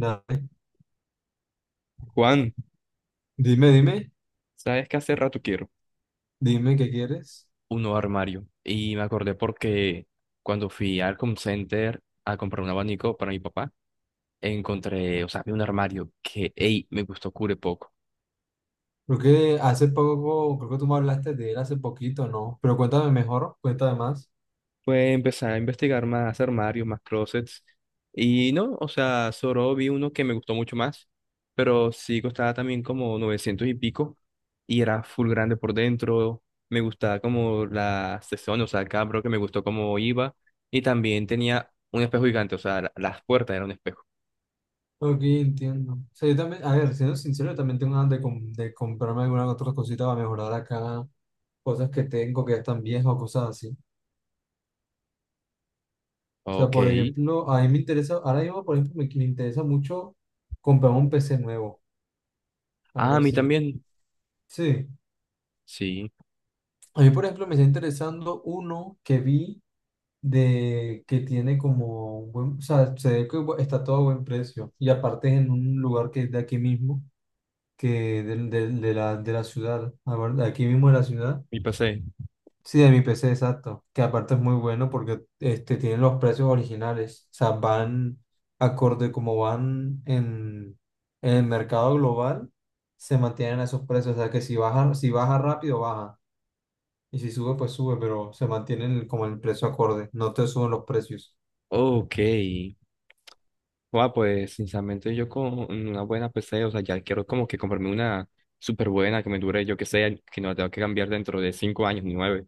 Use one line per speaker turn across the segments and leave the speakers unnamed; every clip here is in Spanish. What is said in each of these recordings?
Nada.
Juan,
Dime, dime,
¿sabes qué hace rato quiero?
dime qué quieres.
Un nuevo armario. Y me acordé porque cuando fui al Home Center a comprar un abanico para mi papá, encontré, o sea, vi un armario que, ey, me gustó cure poco.
Creo que hace poco, creo que tú me hablaste de él hace poquito, ¿no? Pero cuéntame mejor, cuéntame más.
Pues empecé a investigar más armarios, más closets. Y no, o sea, solo vi uno que me gustó mucho más, pero sí costaba también como 900 y pico. Y era full grande por dentro. Me gustaba como la sección, o sea, el cada que me gustó cómo iba. Y también tenía un espejo gigante, o sea, las puertas eran un espejo.
Ok, entiendo. O sea, yo también, a ver, siendo sincero, yo también tengo ganas de, de comprarme algunas otras cositas para mejorar acá, cosas que tengo que ya están viejas o cosas así. O sea,
Ok.
por ejemplo, a mí me interesa, ahora mismo, por ejemplo, me interesa mucho comprarme un PC nuevo,
Ah,
algo
a mí
así.
también.
Sí.
Sí,
A mí, por ejemplo, me está interesando uno que vi, de que tiene como un buen, o sea, se ve que está todo a buen precio. Y aparte es en un lugar que es de aquí mismo, que de la ciudad, a ver, de aquí mismo de la ciudad.
mi pasé.
Sí, de mi PC, exacto. Que aparte es muy bueno porque este, tienen los precios originales. O sea, van acorde como van en, el mercado global, se mantienen a esos precios. O sea, que si baja, si baja rápido, baja. Y si sube, pues sube, pero se mantienen como el precio acorde. No te suben los precios.
Ok. Guau, pues sinceramente yo con una buena PC, o sea, ya quiero como que comprarme una súper buena que me dure, yo que sé, que no la tengo que cambiar dentro de 5 años ni nueve.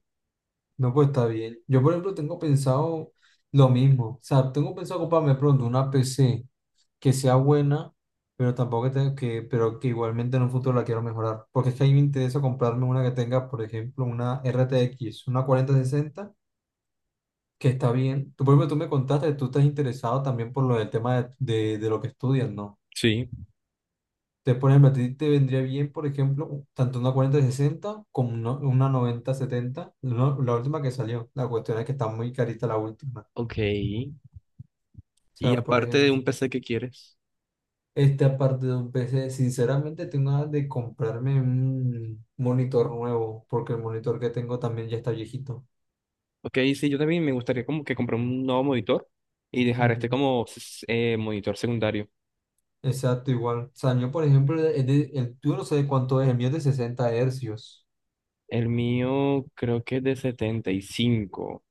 No, pues está bien. Yo, por ejemplo, tengo pensado lo mismo. O sea, tengo pensado comprarme pronto una PC que sea buena, pero tampoco que tenga que, pero que igualmente en un futuro la quiero mejorar. Porque es que a mí me interesa comprarme una que tenga, por ejemplo, una RTX, una 4060 que está bien. Tú, por ejemplo, tú me contaste que tú estás interesado también por lo del tema de lo que estudias, ¿no?
Sí.
Entonces, por ejemplo, a ti te vendría bien, por ejemplo, tanto una 4060 como una 9070 la última que salió. La cuestión es que está muy carita la última.
Ok, y
O sea, por
aparte de
ejemplo,
un PC que quieres.
este aparte de un PC, sinceramente tengo ganas de comprarme un monitor nuevo, porque el monitor que tengo también ya está viejito.
Ok, sí, yo también me gustaría como que comprar un nuevo monitor y dejar este
Ujú.
como monitor secundario.
Exacto, igual. O sea, yo, por ejemplo, tú no sabes cuánto es, el mío es de 60 hercios.
El mío creo que es de 75.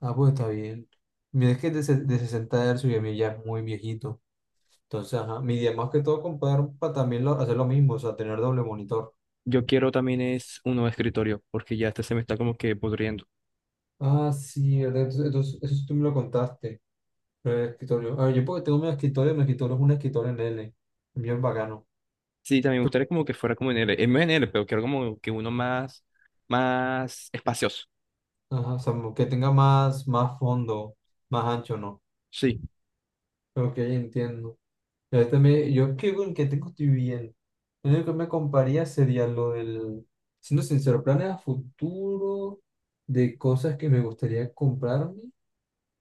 Ah, pues está bien. Mira, es que es de, de 60 hercios y el mío ya es muy viejito. Entonces, ajá, mi idea más que todo comprar para también hacer lo mismo, o sea, tener doble monitor.
Yo quiero también es un nuevo escritorio porque ya este se me está como que pudriendo.
Ah, sí, ¿verdad? Entonces, eso tú me lo contaste. Pero el escritorio. A ver, yo porque tengo mi escritorio es un escritorio en L. Bien bacano.
Sí, también me
Tú-
gustaría como que fuera como en L, en N L, pero quiero como que uno más, más espacioso.
Ajá, o sea, que tenga más fondo, más ancho, ¿no?
Sí.
Ok, entiendo. Y este, yo creo en que tengo estoy bien. Lo único que me compraría sería lo del, siendo sincero, planes a futuro de cosas que me gustaría comprarme.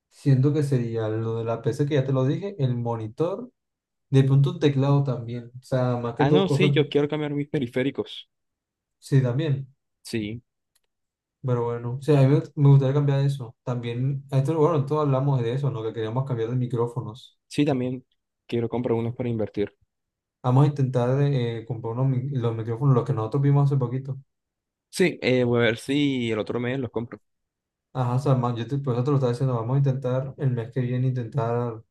Siento que sería lo de la PC que ya te lo dije, el monitor, de pronto un teclado también. O sea, más que
Ah,
todo
no, sí,
cosas,
yo quiero cambiar mis periféricos.
sí, también.
Sí,
Pero bueno, sí, a mí me gustaría cambiar eso. También, a esto, bueno, todos hablamos de eso, ¿no? Que queríamos cambiar de micrófonos.
sí, también quiero comprar unos para invertir.
Vamos a intentar comprar los micrófonos, los que nosotros vimos hace poquito.
Sí, voy a ver si el otro mes los compro.
Ajá, o sea, por eso te lo estaba diciendo, vamos a intentar el mes que viene intentar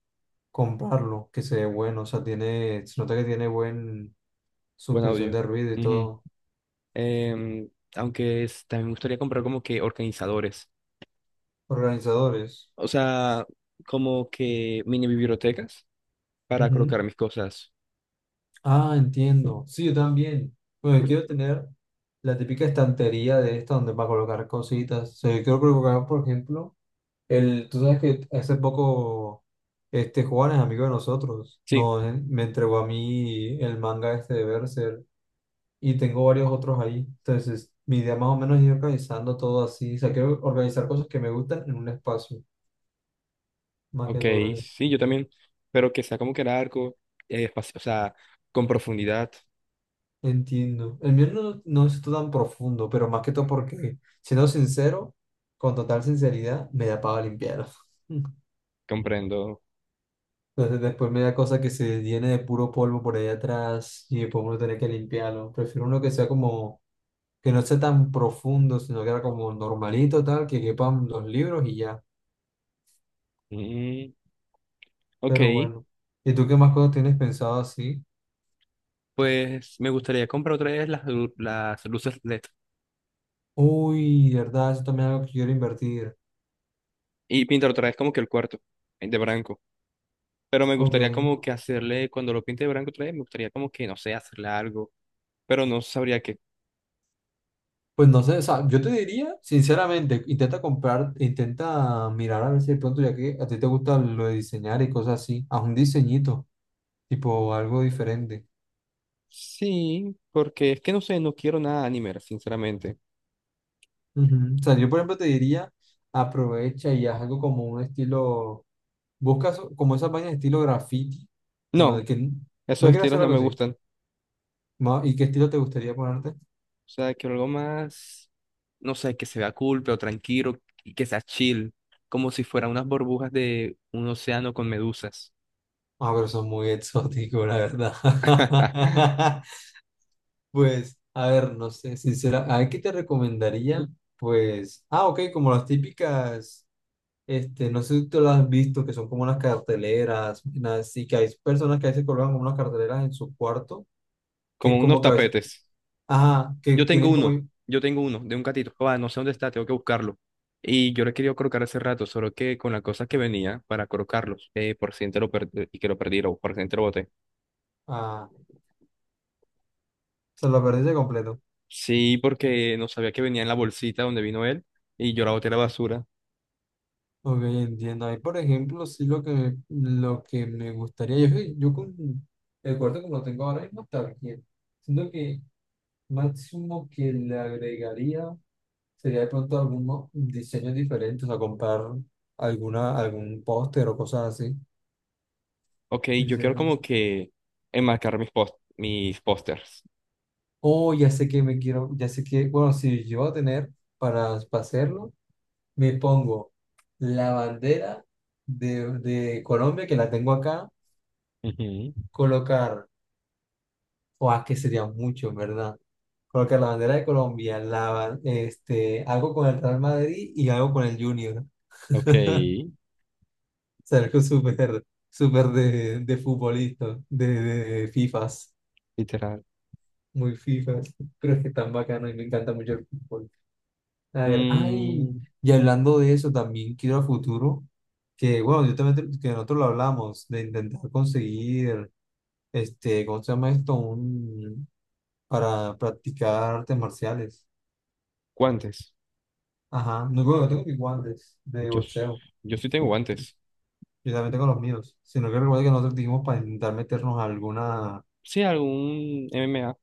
comprarlo, que se ve bueno, o sea, tiene, se nota que tiene buen
Buen
suspensión
audio.
de ruido y
Ujú.
todo.
Em, aunque también me gustaría comprar como que organizadores.
Organizadores.
O sea, como que mini bibliotecas para
Ujú.
colocar mis cosas.
Ah, entiendo. Sí, yo también. Bueno, yo quiero tener la típica estantería de esta donde va a colocar cositas. O sea, yo quiero colocar, por ejemplo, tú sabes que hace poco este Juan es amigo de nosotros.
Sí.
No, me entregó a mí el manga este de Berserk y tengo varios otros ahí. Entonces, mi idea más o menos es ir organizando todo así. O sea, quiero organizar cosas que me gustan en un espacio, más que
Ok,
todo eso.
sí, yo también, pero que sea como que largo, o sea, con profundidad,
Entiendo. El mío no es tan profundo, pero más que todo porque, siendo sincero, con total sinceridad, me da pava limpiarlo.
comprendo.
Entonces después me da cosa que se llene de puro polvo por ahí atrás y después uno tiene que limpiarlo. Prefiero uno que sea como, que no sea tan profundo, sino que era como normalito, tal, que quepan los libros y ya.
Mm, ok,
Pero bueno. ¿Y tú qué más cosas tienes pensado así?
pues me gustaría comprar otra vez las luces LED
Uy, verdad, eso también es algo que quiero invertir.
y pintar otra vez como que el cuarto de blanco, pero me
Ok.
gustaría como que hacerle, cuando lo pinte de blanco otra vez, me gustaría como que, no sé, hacerle algo, pero no sabría qué.
Pues no sé, o sea, yo te diría, sinceramente, intenta comprar, intenta mirar a ver si de pronto, ya que a ti te gusta lo de diseñar y cosas así, haz un diseñito, tipo algo diferente.
Sí, porque es que no sé, no quiero nada anime, sinceramente.
Ujú. O sea, yo por ejemplo te diría, aprovecha y haz algo como un estilo, busca como esas vainas de estilo graffiti, no, de
No,
que, no
esos
quieres
estilos
hacer
no
algo
me
así.
gustan.
¿Y qué estilo te gustaría ponerte?
O sea, que algo más, no sé, que se vea cool, pero tranquilo y que sea chill, como si fueran unas burbujas de un océano con medusas.
Ah, pero son muy exóticos, la verdad. Pues, a ver, no sé, sincera, ¿a qué te recomendaría? Pues, ah, ok, como las típicas, este, no sé si tú las has visto, que son como unas carteleras, y que hay personas que a veces colocan como unas carteleras en su cuarto, que es
Como unos
como que a veces,
tapetes.
ajá, que
Yo tengo
tienen como,
uno, yo tengo uno de un gatito. Ah, no sé dónde está, tengo que buscarlo. Y yo lo he querido colocar hace rato, solo que con las cosas que venía para colocarlos, por si te lo per- y que lo perdí, o por si te lo boté.
ah, o sea, lo perdiste completo.
Sí, porque no sabía que venía en la bolsita donde vino él y yo la boté a la basura.
Ok, entiendo. Ahí, por ejemplo, sí lo que, me gustaría, yo con el cuarto como lo tengo ahora mismo está bien. Siento que máximo que le agregaría. Sería de pronto algún diseño diferente, o sea, comprar algún póster o cosas así.
Ok, yo quiero
Diseño.
como que enmarcar mis pósters.
Oh, ya sé que me quiero, ya sé que, bueno, si yo voy a tener para hacerlo, me pongo la bandera de Colombia, que la tengo acá,
Ujú.
colocar, o que sería mucho, en ¿verdad? Colocar la bandera de Colombia, este, algo con el Real Madrid y algo con el Junior.
Ok,
O sea, algo súper, súper de futbolista, de FIFAs.
literal.
Muy FIFA, pero es que tan bacano y me encanta mucho el fútbol. A ver, ay,
Mm,
y hablando de eso, también quiero a futuro, que bueno, yo también, que nosotros lo hablamos, de intentar conseguir, este, ¿cómo se llama esto? Para practicar artes marciales.
guantes.
Ajá, no, bueno, yo tengo mis guantes de
Yo,
boxeo,
yo sí tengo guantes.
yo también tengo los míos, sino que recuerda que nosotros dijimos para intentar meternos alguna,
Sí, algún M M A.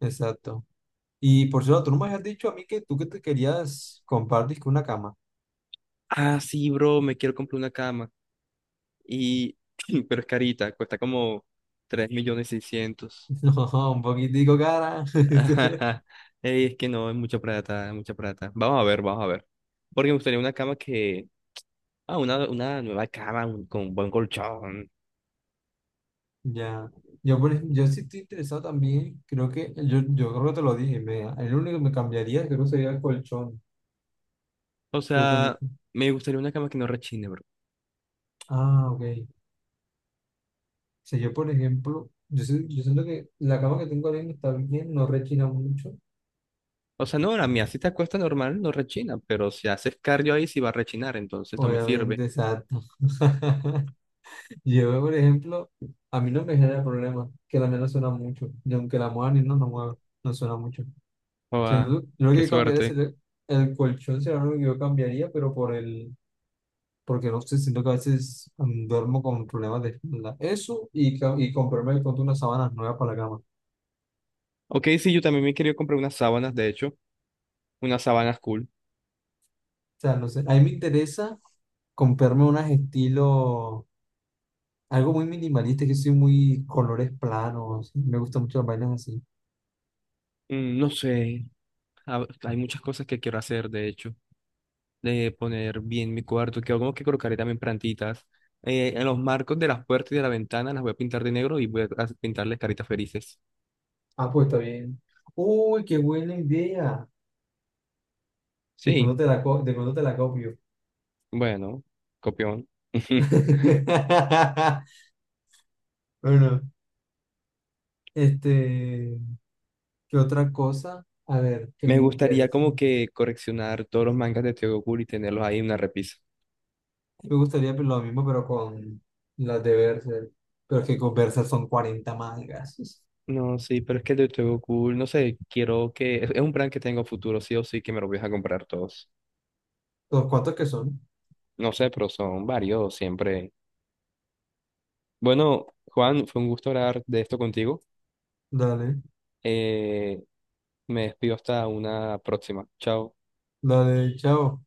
exacto. Y por cierto, tú no me habías dicho a mí que tú que te querías compartir con una cama.
Ah, sí, bro, me quiero comprar una cama. Y, pero es carita, cuesta como 3 millones seiscientos.
No, un poquitico cara.
Ey, es que no, es mucha plata, es mucha plata. Vamos a ver, vamos a ver. Porque me gustaría una cama que. Ah, una nueva cama con buen colchón.
Ya. Yo, por ejemplo, yo sí estoy interesado también. Creo que, yo creo que te lo dije. El único que me cambiaría creo que sería el colchón.
O
Creo que
sea, me gustaría una cama que no rechine.
ah, ok. O sea, yo, por ejemplo, yo siento que la cama que tengo ahora mismo está bien, no rechina mucho.
O sea, no, a mía si te acuestas normal, no rechina, pero si haces cardio ahí sí va a rechinar, entonces no me sirve.
Obviamente, exacto. Yo, por ejemplo, a mí no me genera problema que la mía no suena mucho. Y aunque la mueva ni no, no mueve, no suena mucho. Sí,
Joda,
lo
qué
que cambiaría es
suerte.
el colchón, será lo único que yo cambiaría, pero porque no sé, siento que a veces duermo con problemas de espalda. Eso y comprarme de pronto unas sábanas nuevas para la cama. O
Ok, sí, yo también me quería comprar unas sábanas, de hecho, unas sábanas cool.
sea, no sé, a mí me interesa comprarme unas estilo, algo muy minimalista, que soy muy colores planos, me gustan mucho las vainas así.
Mm, no sé, hay muchas cosas que quiero hacer, de hecho, de poner bien mi cuarto, que como que colocaré también plantitas. En los marcos de las puertas y de la ventana las voy a pintar de negro y voy a pintarles caritas felices.
Ah, pues está bien. Uy, qué buena idea. De pronto
Sí,
te la, co- de pronto te la copio.
bueno, copión.
Bueno, este... ¿Qué otra cosa? A ver, que
Me
me
gustaría
interesa.
como que coleccionar todos los mangas de Tokyo Ghoul y tenerlos ahí en una repisa.
Me gustaría pues, lo mismo, pero con las de Berserk. Pero es que con Berserk son 40 mangas.
No, sí, pero es que el de Tokyo Ghoul, no sé, quiero que. Es un plan que tengo futuro, sí o sí, que me los voy a comprar todos.
¿Los cuantos que son?
No sé, pero son varios, siempre. Bueno, Juan, fue un gusto hablar de esto contigo.
Dale,
Eh, Me despido hasta una próxima. Chao.
dale, chao.